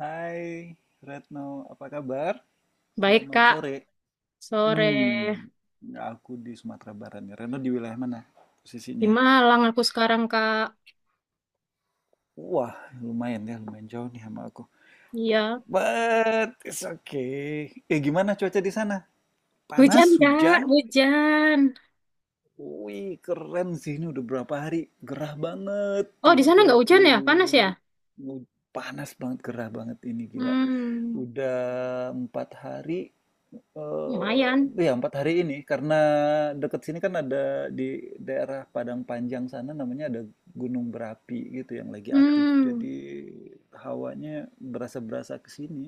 Hai Retno, apa kabar? Baik, Selamat Kak. sore. Sore Hmm, aku di Sumatera Barat nih. Retno di wilayah mana di posisinya? Malang aku sekarang, Kak. Wah, lumayan ya, lumayan jauh nih sama aku. Iya. But it's okay. Eh, gimana cuaca di sana? Hujan, Panas, Kak. hujan? Hujan. Wih, keren sih ini udah berapa hari. Gerah banget, Oh, di sana Tiga nggak hujan ya? Panas ya? puluh? Panas banget, gerah banget ini gila. Hmm, Udah 4 hari. Eee, lumayan. iya 4 hari ini karena deket sini kan ada di daerah Padang Panjang sana namanya ada gunung berapi gitu yang lagi aktif. Hmm, Jadi hawanya berasa-berasa ke sini.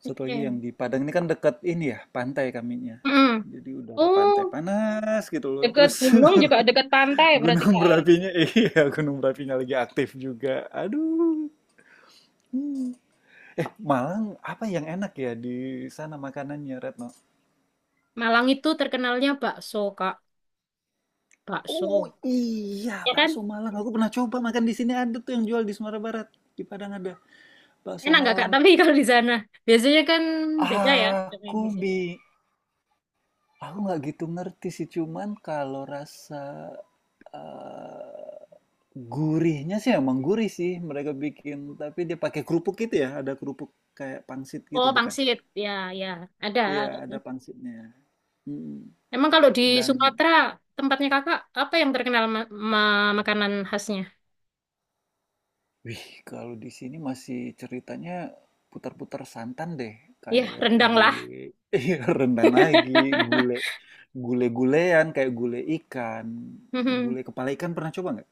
Satu lagi yang oke. di Padang ini kan dekat ini ya pantai kaminya. Hmm. Jadi udara pantai Oh, panas gitu loh. dekat Terus gunung juga dekat pantai berarti, gunung Kak, ya? berapinya, iya gunung berapinya lagi aktif juga. Aduh. Hmm. Eh, Malang apa yang enak ya di sana makanannya, Retno? Malang itu terkenalnya bakso, Kak. Oh Bakso. iya, Ya bakso kan? Malang. Aku pernah coba makan di sini, ada tuh yang jual di Sumatera Barat. Di Padang ada bakso Enak nggak, Kak? Malang. Tapi kalau di sana. Biasanya kan beda ya sama yang Aku di sini. bi, aku nggak gitu ngerti sih. Cuman kalau rasa eh, gurihnya sih emang gurih sih mereka bikin. Tapi dia pakai kerupuk gitu ya. Ada kerupuk kayak pangsit gitu Oh, bukan? pangsit. Ya, ya. Ada, Iya, ada. ada pangsitnya. Mm. Emang kalau di Dan Sumatera, tempatnya kakak, apa yang terkenal makanan khasnya? Wih, kalau di sini masih ceritanya putar-putar santan deh, Ya, kayak rendang lah. gule. Iya, rendang lagi, gule gule gulean kayak gule ikan, Mhm. gule kepala ikan, pernah coba nggak?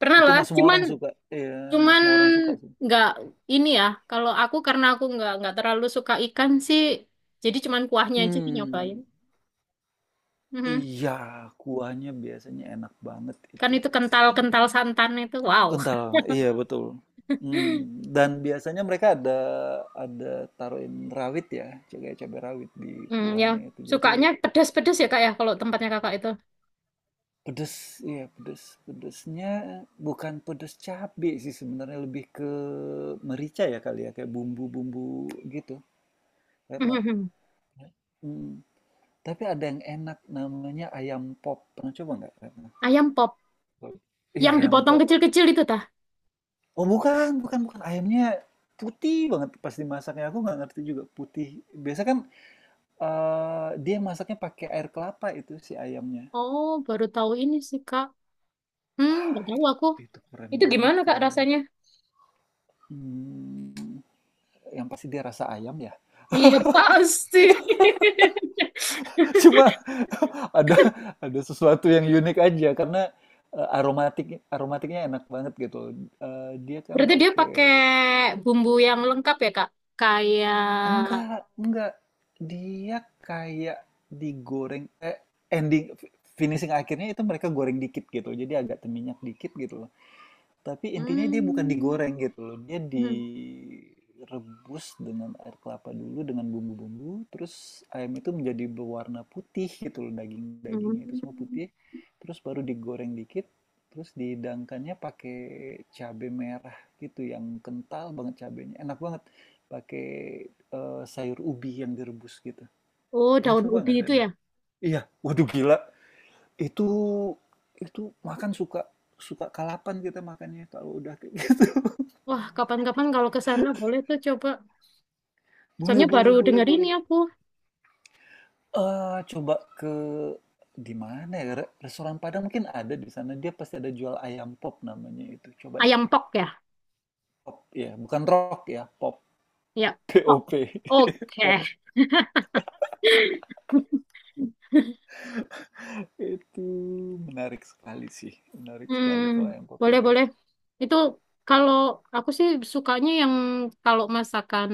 Pernah Itu lah, nggak semua cuman orang suka, iya nggak cuman semua orang suka sih. nggak ini ya. Kalau aku karena aku nggak terlalu suka ikan sih, jadi cuman kuahnya aja sih nyobain. Hmm, Mhm. iya kuahnya biasanya enak banget Kan itu. itu kental-kental santan itu, wow. Kental, iya betul. Hmm, dan biasanya mereka ada ada taruhin rawit ya, cabai cabai rawit di Ya, kuahnya itu. Jadi sukanya pedas-pedas ya kak ya kalau tempatnya kakak itu. pedes, ya pedes. Pedesnya bukan pedes cabe sih sebenarnya, lebih ke merica ya kali ya, kayak bumbu-bumbu gitu. Retno. Mhm. Hmm. Tapi ada yang enak, namanya ayam pop. Pernah coba nggak, Retno? Ayam pop, Iya, yang ayam dipotong pop. kecil-kecil itu tah. Oh bukan, bukan, bukan. Ayamnya putih banget pas dimasaknya. Aku nggak ngerti juga putih. Biasa kan dia masaknya pakai air kelapa itu si ayamnya. Oh, baru tahu ini sih kak. Nggak Ah, tahu aku. itu keren Itu banget, gimana Kak keren banget. rasanya? Hmm, yang pasti dia rasa ayam ya. Iya pasti. Cuma ada ada sesuatu yang unik aja karena aromatiknya enak banget gitu. Eh, dia kan Berarti dia pakai pakai bumbu yang lengkap ya Kak? Kayak enggak dia kayak digoreng, eh, ending finishing akhirnya itu mereka goreng dikit gitu. Jadi agak minyak dikit gitu. Tapi intinya dia bukan hmm, digoreng gitu loh. Dia hmm, direbus dengan air kelapa dulu dengan bumbu-bumbu, terus ayam itu menjadi berwarna putih gitu loh, daging-dagingnya itu semua hmm. putih. Terus baru digoreng dikit, terus dihidangkannya pakai cabai merah gitu yang kental banget cabainya. Enak banget pakai sayur ubi yang direbus gitu. Oh, Pernah daun coba nggak, ubi itu Dani? ya. Iya, waduh gila. Itu makan suka suka kalapan kita makannya kalau udah kayak gitu. Wah, kapan-kapan kalau ke sana boleh tuh coba. Boleh Soalnya boleh baru boleh denger boleh. ini aku. Coba ke di mana ya, restoran Padang mungkin ada di sana, dia pasti ada jual ayam pop namanya itu, coba deh, Ayam pok ya? pop ya, bukan rock ya, pop, Ya, pok. Pop, Oke. pop. Itu menarik sekali sih, menarik Hmm, sekali kalau ayam pop boleh itu. boleh. Itu kalau aku sih sukanya yang kalau masakan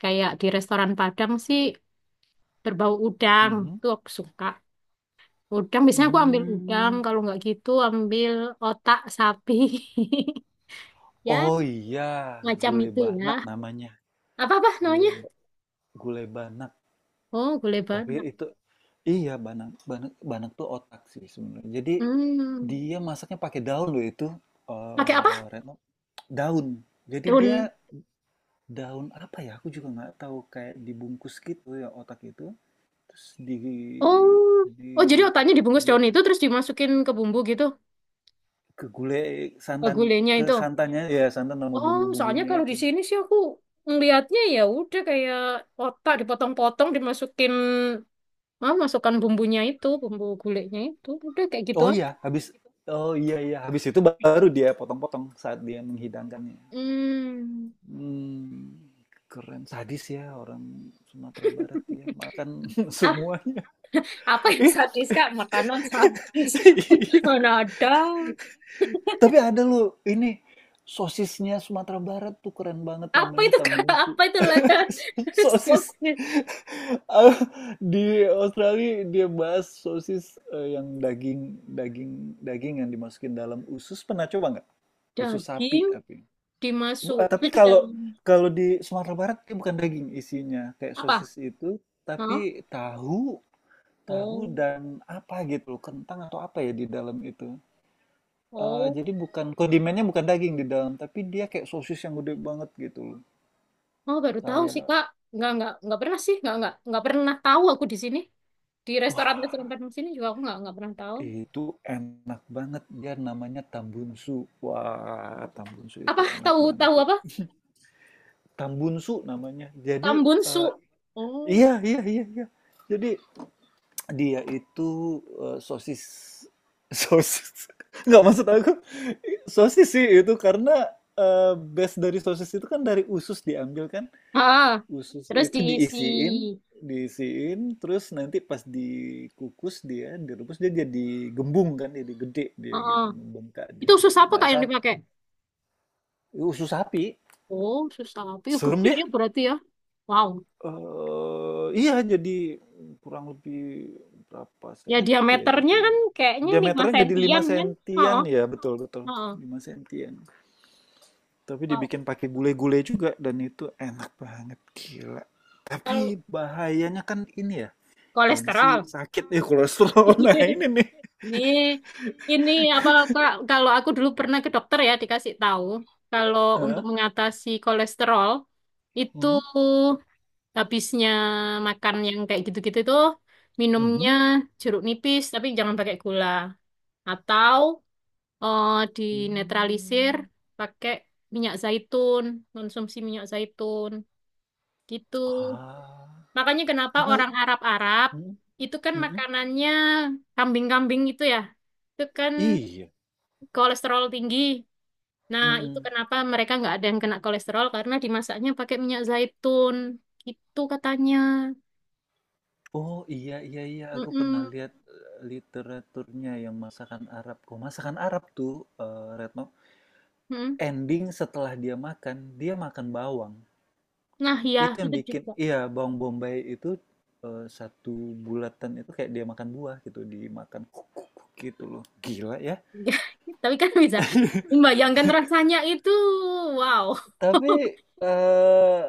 kayak di restoran Padang sih berbau udang Mhm, tuh aku suka udang, biasanya aku ambil udang, mmm, kalau nggak gitu ambil otak sapi ya oh iya, macam gulai itu, ya banak namanya, apa apa gulai namanya, ba gulai bana. oh gulai Tapi banyak, itu iya, Banak, Banak, Banak tuh otak sih sebenarnya. Jadi hmm dia masaknya pakai daun loh itu, pakai eh apa Retno, daun. Jadi daun, dia daun apa ya? Aku juga nggak tahu, kayak dibungkus gitu ya otak itu. Terus oh oh jadi di, otaknya dibungkus di daun itu terus dimasukin ke bumbu gitu, ke gulai ke santan, gulainya ke itu. santannya ya, santan sama Oh, soalnya bumbu-bumbunya kalau di itu. sini sih aku ngelihatnya ya udah kayak otak dipotong-potong dimasukin, masukkan bumbunya itu bumbu gulainya itu udah kayak gitu Oh aja. iya, habis oh iya iya, habis itu baru dia potong-potong saat dia menghidangkannya. Hmm. Mmm, keren. Sadis ya orang Sumatera Barat ya, makan Ap- semuanya. Apa yang Ih, sadis kak, makanan sadis? iya, Mana ada? tapi ada loh ini, sosisnya Sumatera Barat tuh keren banget Apa namanya itu kak? Tambungsu. Apa itu lah? Sosis, Stoknya. eee, di Australia dia bahas sosis, yang daging daging daging yang dimasukin dalam usus, pernah coba nggak? Usus sapi Daging tapi. Tapi dimasukin dalam kalau kalau di Sumatera Barat dia bukan daging isinya kayak apa? sosis itu, Hah? tapi tahu, tahu Oh. dan apa gitu loh, kentang atau apa ya di dalam itu. Eh, Oh jadi bukan kondimennya, bukan daging di dalam, tapi dia kayak sosis yang gede banget gitu loh. oh, baru tahu Kayak sih kak. Nggak pernah sih, nggak pernah tahu aku di sini, di restoran-restoran wah, Padang sini juga aku nggak pernah tahu. itu enak banget. Dia namanya Tambunsu. Wah, Tambunsu itu Apa enak tahu banget, tahu ya. apa Tambunsu namanya. Jadi eh, tambunsu. Oh, iya iya iya iya. Jadi dia itu, sosis sosis nggak maksud aku sosis sih itu karena, base dari sosis itu kan dari usus diambil kan, ah, usus terus itu diisi. diisiin diisiin terus nanti pas dikukus dia, direbus dia jadi gembung kan, jadi gede dia Oh, gitu, membengkak itu dia sus gitu. apa kak Nah yang dipakai? usus sapi. Oh, susah apa? Yuk, Serem gede ya ya? berarti ya. Wow. Iya jadi kurang lebih berapa Ya senti ya, diameternya jadi kan kayaknya 5 diameternya jadi lima sentian kan? sentian Heeh, ya betul betul heeh. 5 sentian, tapi Wow. dibikin pakai gulai-gulai juga, dan itu enak banget gila. Kalau Tapi bahayanya kan ini ya, tensi kolesterol. sakit nih, kolesterol. Nah ini nih, Ini ini apa Kak, kalau aku dulu pernah ke dokter ya dikasih tahu kalau untuk heeh, mengatasi kolesterol itu mhm, habisnya makan yang kayak gitu-gitu tuh, mhm, minumnya jeruk nipis tapi jangan pakai gula, atau dinetralisir mmm, pakai minyak zaitun, konsumsi minyak zaitun gitu. ah, Makanya kenapa padahal orang Arab-Arab mhm, itu kan mhm, makanannya kambing-kambing gitu ya. Itu kan iya, kolesterol tinggi. Nah, itu mhm. kenapa mereka nggak ada yang kena kolesterol karena dimasaknya pakai minyak zaitun gitu katanya. Oh iya iya iya, aku pernah Mm-mm, lihat literaturnya yang masakan Arab. Kok masakan Arab tuh eh, Retno, mm. ending setelah dia makan bawang. Nah, ya Itu yang itu bikin, juga. iya bawang bombay itu satu bulatan itu kayak dia makan buah gitu, dimakan kuk, kuk, kuk gitu loh. Gila ya. Tapi kan bisa membayangkan rasanya itu. Wow. Tapi eh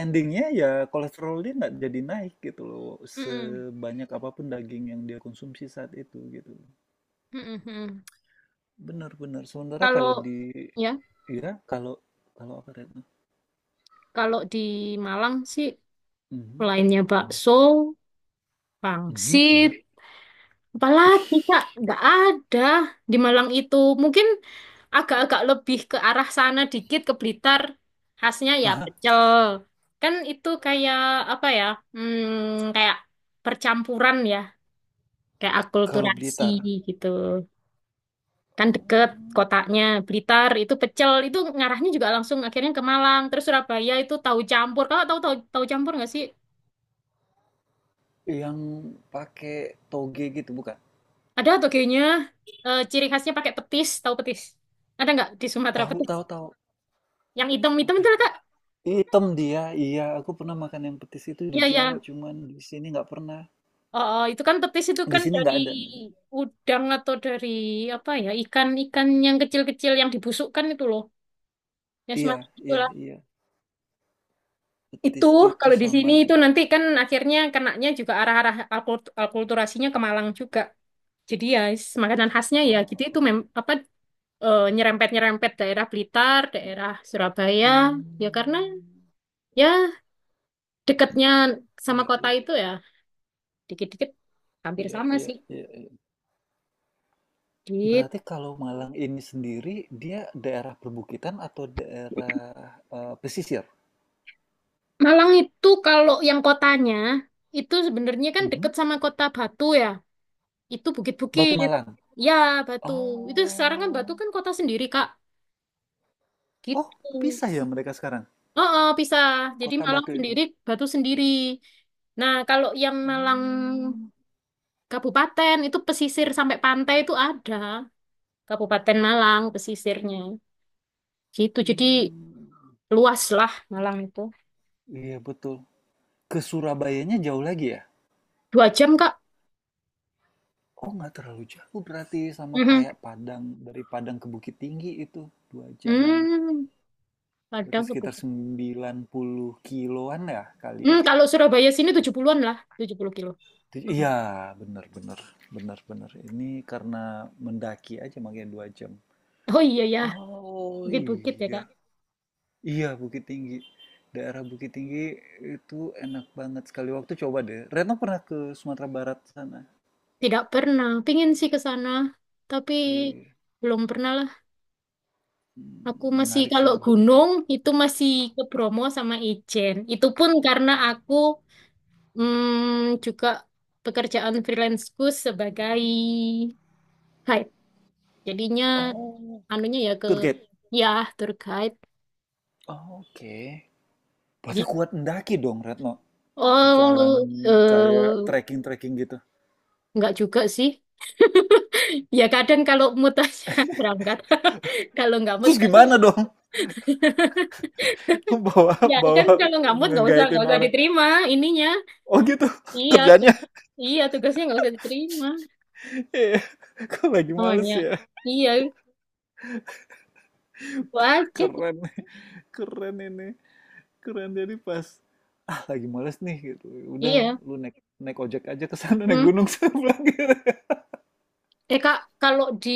endingnya ya kolesterol dia nggak jadi naik gitu loh, Mm-mm. sebanyak apapun daging yang dia konsumsi saat itu gitu. Mm, mm, mm. Benar-benar. Sementara Kalau kalau di ya, ya kalau kalau apa Retno? kalau di Malang sih Mhm, selainnya bakso, mhm, pangsit, ya. apalagi Kak, nggak ada di Malang itu. Mungkin agak-agak lebih ke arah sana dikit ke Blitar, khasnya ya Aha, pecel. Kan itu kayak apa ya? Kayak percampuran ya, kayak kalau akulturasi Blitar. gitu. Kan deket Oh, kotanya, Blitar itu pecel itu ngarahnya juga langsung akhirnya ke Malang terus Surabaya itu tahu campur, kalau tahu, tahu campur nggak sih? yang pakai toge gitu bukan? Ada, atau kayaknya ciri khasnya pakai petis, tahu petis. Ada nggak di Sumatera Tahu petis tahu tahu. yang hitam hitam itu Aduh, lah, kak. nggak. Hitam dia. Iya, aku pernah makan yang petis itu di Ya Jawa, ya, cuman di sini nggak pernah. oh, oh, itu kan petis itu Di kan sini dari nggak ada. udang, atau dari apa ya, ikan ikan yang kecil kecil yang dibusukkan itu loh, ya Iya, semacam iya, itulah. iya. Itu Petis itu kalau di sama, sini itu nanti kan akhirnya kenanya juga arah-arah alkulturasinya ke Malang juga. Jadi ya makanan khasnya ya gitu itu oh, apa nyerempet-nyerempet daerah Blitar, daerah Surabaya, ya karena hmm, ya dekatnya sama iya, kota iya, itu ya, dikit-dikit hampir iya, sama iya, sih. iya. Di Berarti kalau Malang ini sendiri, dia daerah perbukitan atau daerah, pesisir? Malang itu kalau yang kotanya itu sebenarnya kan Mhm. deket sama kota Batu ya. Itu Batu bukit-bukit. Malang? Ya, Batu. Itu sekarang kan Batu Oh. kan kota sendiri, Kak. Oh, Gitu. pisah ya mereka sekarang? Oh, oh, pisah. Jadi Kota Malang Batu itu? sendiri, Batu sendiri. Nah, kalau yang Malang Mmm, Kabupaten itu pesisir sampai pantai itu ada. Kabupaten Malang pesisirnya. Gitu. Jadi mmm, luas lah Malang itu. iya betul. Ke Surabayanya jauh lagi ya? 2 jam, Kak. Oh, nggak terlalu jauh berarti, sama Mhm. kayak Padang, dari Padang ke Bukit Tinggi itu 2 jaman. Hmm. Berarti Padang ke sekitar Bukit. 90 kiloan ya kali Hmm, ya? kalau Surabaya sini 70-an lah, 70 kilo. Mhm. Iya, bener, bener, bener, bener. Ini karena mendaki aja makanya 2 jam. Oh iya ya, Oh bukit-bukit ya, Kak. iya, iya Bukit Tinggi. Daerah Bukit Tinggi itu enak banget sekali. Waktu coba deh. Retno pernah ke Sumatera Barat sana. Tidak pernah. Pingin sih ke sana, tapi Iya. belum pernah lah. Aku Hmm, masih menarik kalau sih. Menarik sih. gunung itu masih ke Bromo sama Ijen. Itu pun karena aku juga pekerjaan freelanceku sebagai guide. Jadinya Oh, anunya ya ke tour guide. ya tour guide. Oh, oke. Berarti Jadi, kuat mendaki dong, Retno. oh lu Jalan kayak eh, trekking-trekking gitu. nggak juga sih. Ya kadang kalau mood aja berangkat. Kalau nggak mood, Terus gimana dong? Bawa ya bawa kan, kalau nggak mood nggak usah nggak ngegaitin usah orang. diterima ininya. Oh gitu Iya kerjanya. iya tugasnya nggak usah diterima Iya. Kok lagi males namanya. ya? Iya itu aja. Keren. Keren ini. Keren, jadi pas ah lagi males nih gitu. Udah Iya. lu naik naik ojek aja ke sana naik Hmm. gunung saya bilang gitu. Eh kak, kalau di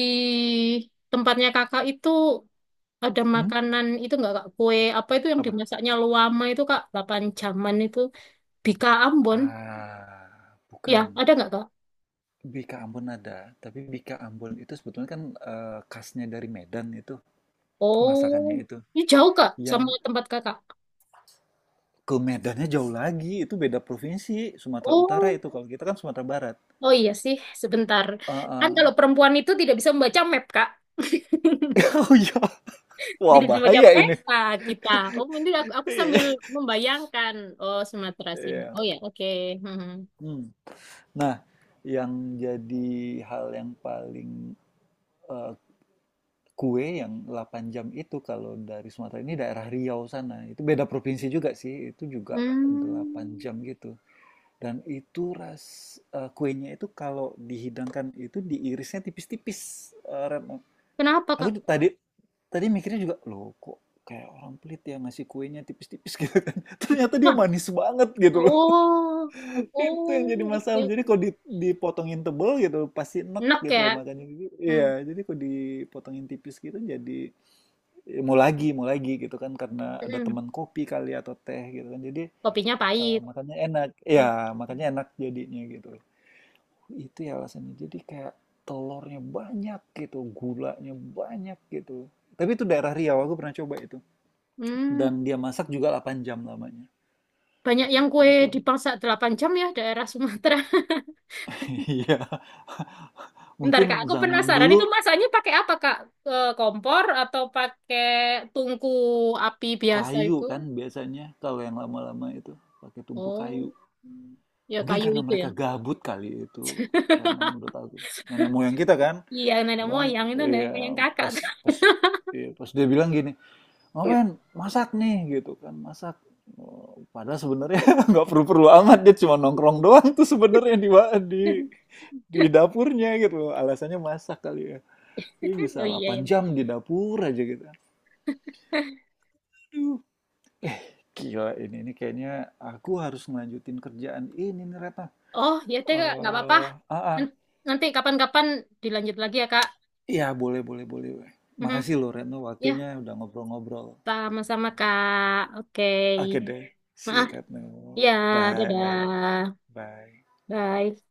tempatnya kakak itu ada Hmm? makanan itu nggak Kak? Kue apa itu yang Apa? dimasaknya luama itu Kak? 8 jaman itu. Bika Ambon. Ah, Ya, bukan. ada nggak Kak? Bika Ambon ada, tapi Bika Ambon itu sebetulnya kan khasnya dari Medan itu, Oh, masakannya itu. ini jauh Kak Yang sama tempat Kakak. ke Medannya jauh lagi, itu beda provinsi, Sumatera Utara Oh, itu, kalau kita kan Sumatera Barat. oh iya sih, sebentar. Ah, Kan kalau ah. perempuan itu tidak bisa membaca map Kak. Oh iya, wah, Tidak bisa membaca bahaya ini. peta kita. Oh, ini aku sambil membayangkan. Oh, Sumatera sini. Iya. Oh ya, oke. Hmm. Hmm. Nah, yang jadi hal yang paling eh, kue yang 8 jam itu kalau dari Sumatera ini daerah Riau sana. Itu beda provinsi juga sih, itu juga 8 Hmm. jam gitu. Dan itu kuenya itu kalau dihidangkan itu diirisnya tipis-tipis, eh Retno. Kenapa Aku Kak? ju- tadi tadi mikirnya juga, loh kok kayak orang pelit ya ngasih kuenya tipis-tipis gitu kan. Ternyata dia Wah, manis banget gitu loh. oh, Itu yang jadi oh, oke. masalah. Jadi kalau Oke. Dipotongin tebel gitu, pasti enek Enak gitu loh ya. makanya. Gitu Hmm. iya, jadi kalau dipotongin tipis gitu jadi ya mau lagi gitu kan karena ada Mm-mm. teman kopi kali atau teh gitu kan. Jadi Kopinya pahit. makanya enak. Iya, makanya enak jadinya gitu loh. Itu ya alasannya. Jadi kayak telurnya banyak gitu, gulanya banyak gitu. Tapi itu daerah Riau, aku pernah coba itu. Hmm, Dan dia masak juga 8 jam lamanya. banyak yang delapan kue jam. dipangsa 8 jam ya daerah Sumatera. Iya, Bentar Kak, mungkin aku zaman penasaran itu dulu masaknya pakai apa Kak? E, kompor atau pakai tungku api biasa kayu itu? kan biasanya kalau yang lama-lama itu pakai tungku kayu, Oh, ya mungkin kayu karena itu ya. mereka gabut kali itu Reno, menurut aku nenek moyang kita kan Iya, nenek bilang moyang itu nenek moyang ya, kakak. pas pas ya, pas dia bilang gini, ngapain masak nih gitu kan masak. Oh, padahal sebenarnya nggak perlu-perlu amat, dia cuma nongkrong doang tuh sebenarnya di di dapurnya gitu alasannya masak kali ya, dia Oh bisa iya 8 ya. jam di dapur aja gitu. Aduh. Eh, gila ini. Ini kayaknya aku harus ngelanjutin kerjaan ini nih, Retno. Oh, ya deh Kak, nggak apa-apa. Eh, ah, ah. N- Nanti kapan-kapan dilanjut lagi ya Kak. Iya, boleh, boleh, boleh. Mhm. Makasih loh, Retno. Ya, Waktunya udah ngobrol-ngobrol. sama-sama Kak. Oke. Oke deh. See you, Maaf. Retno. Ya, Bye. dadah. Bye. Bye.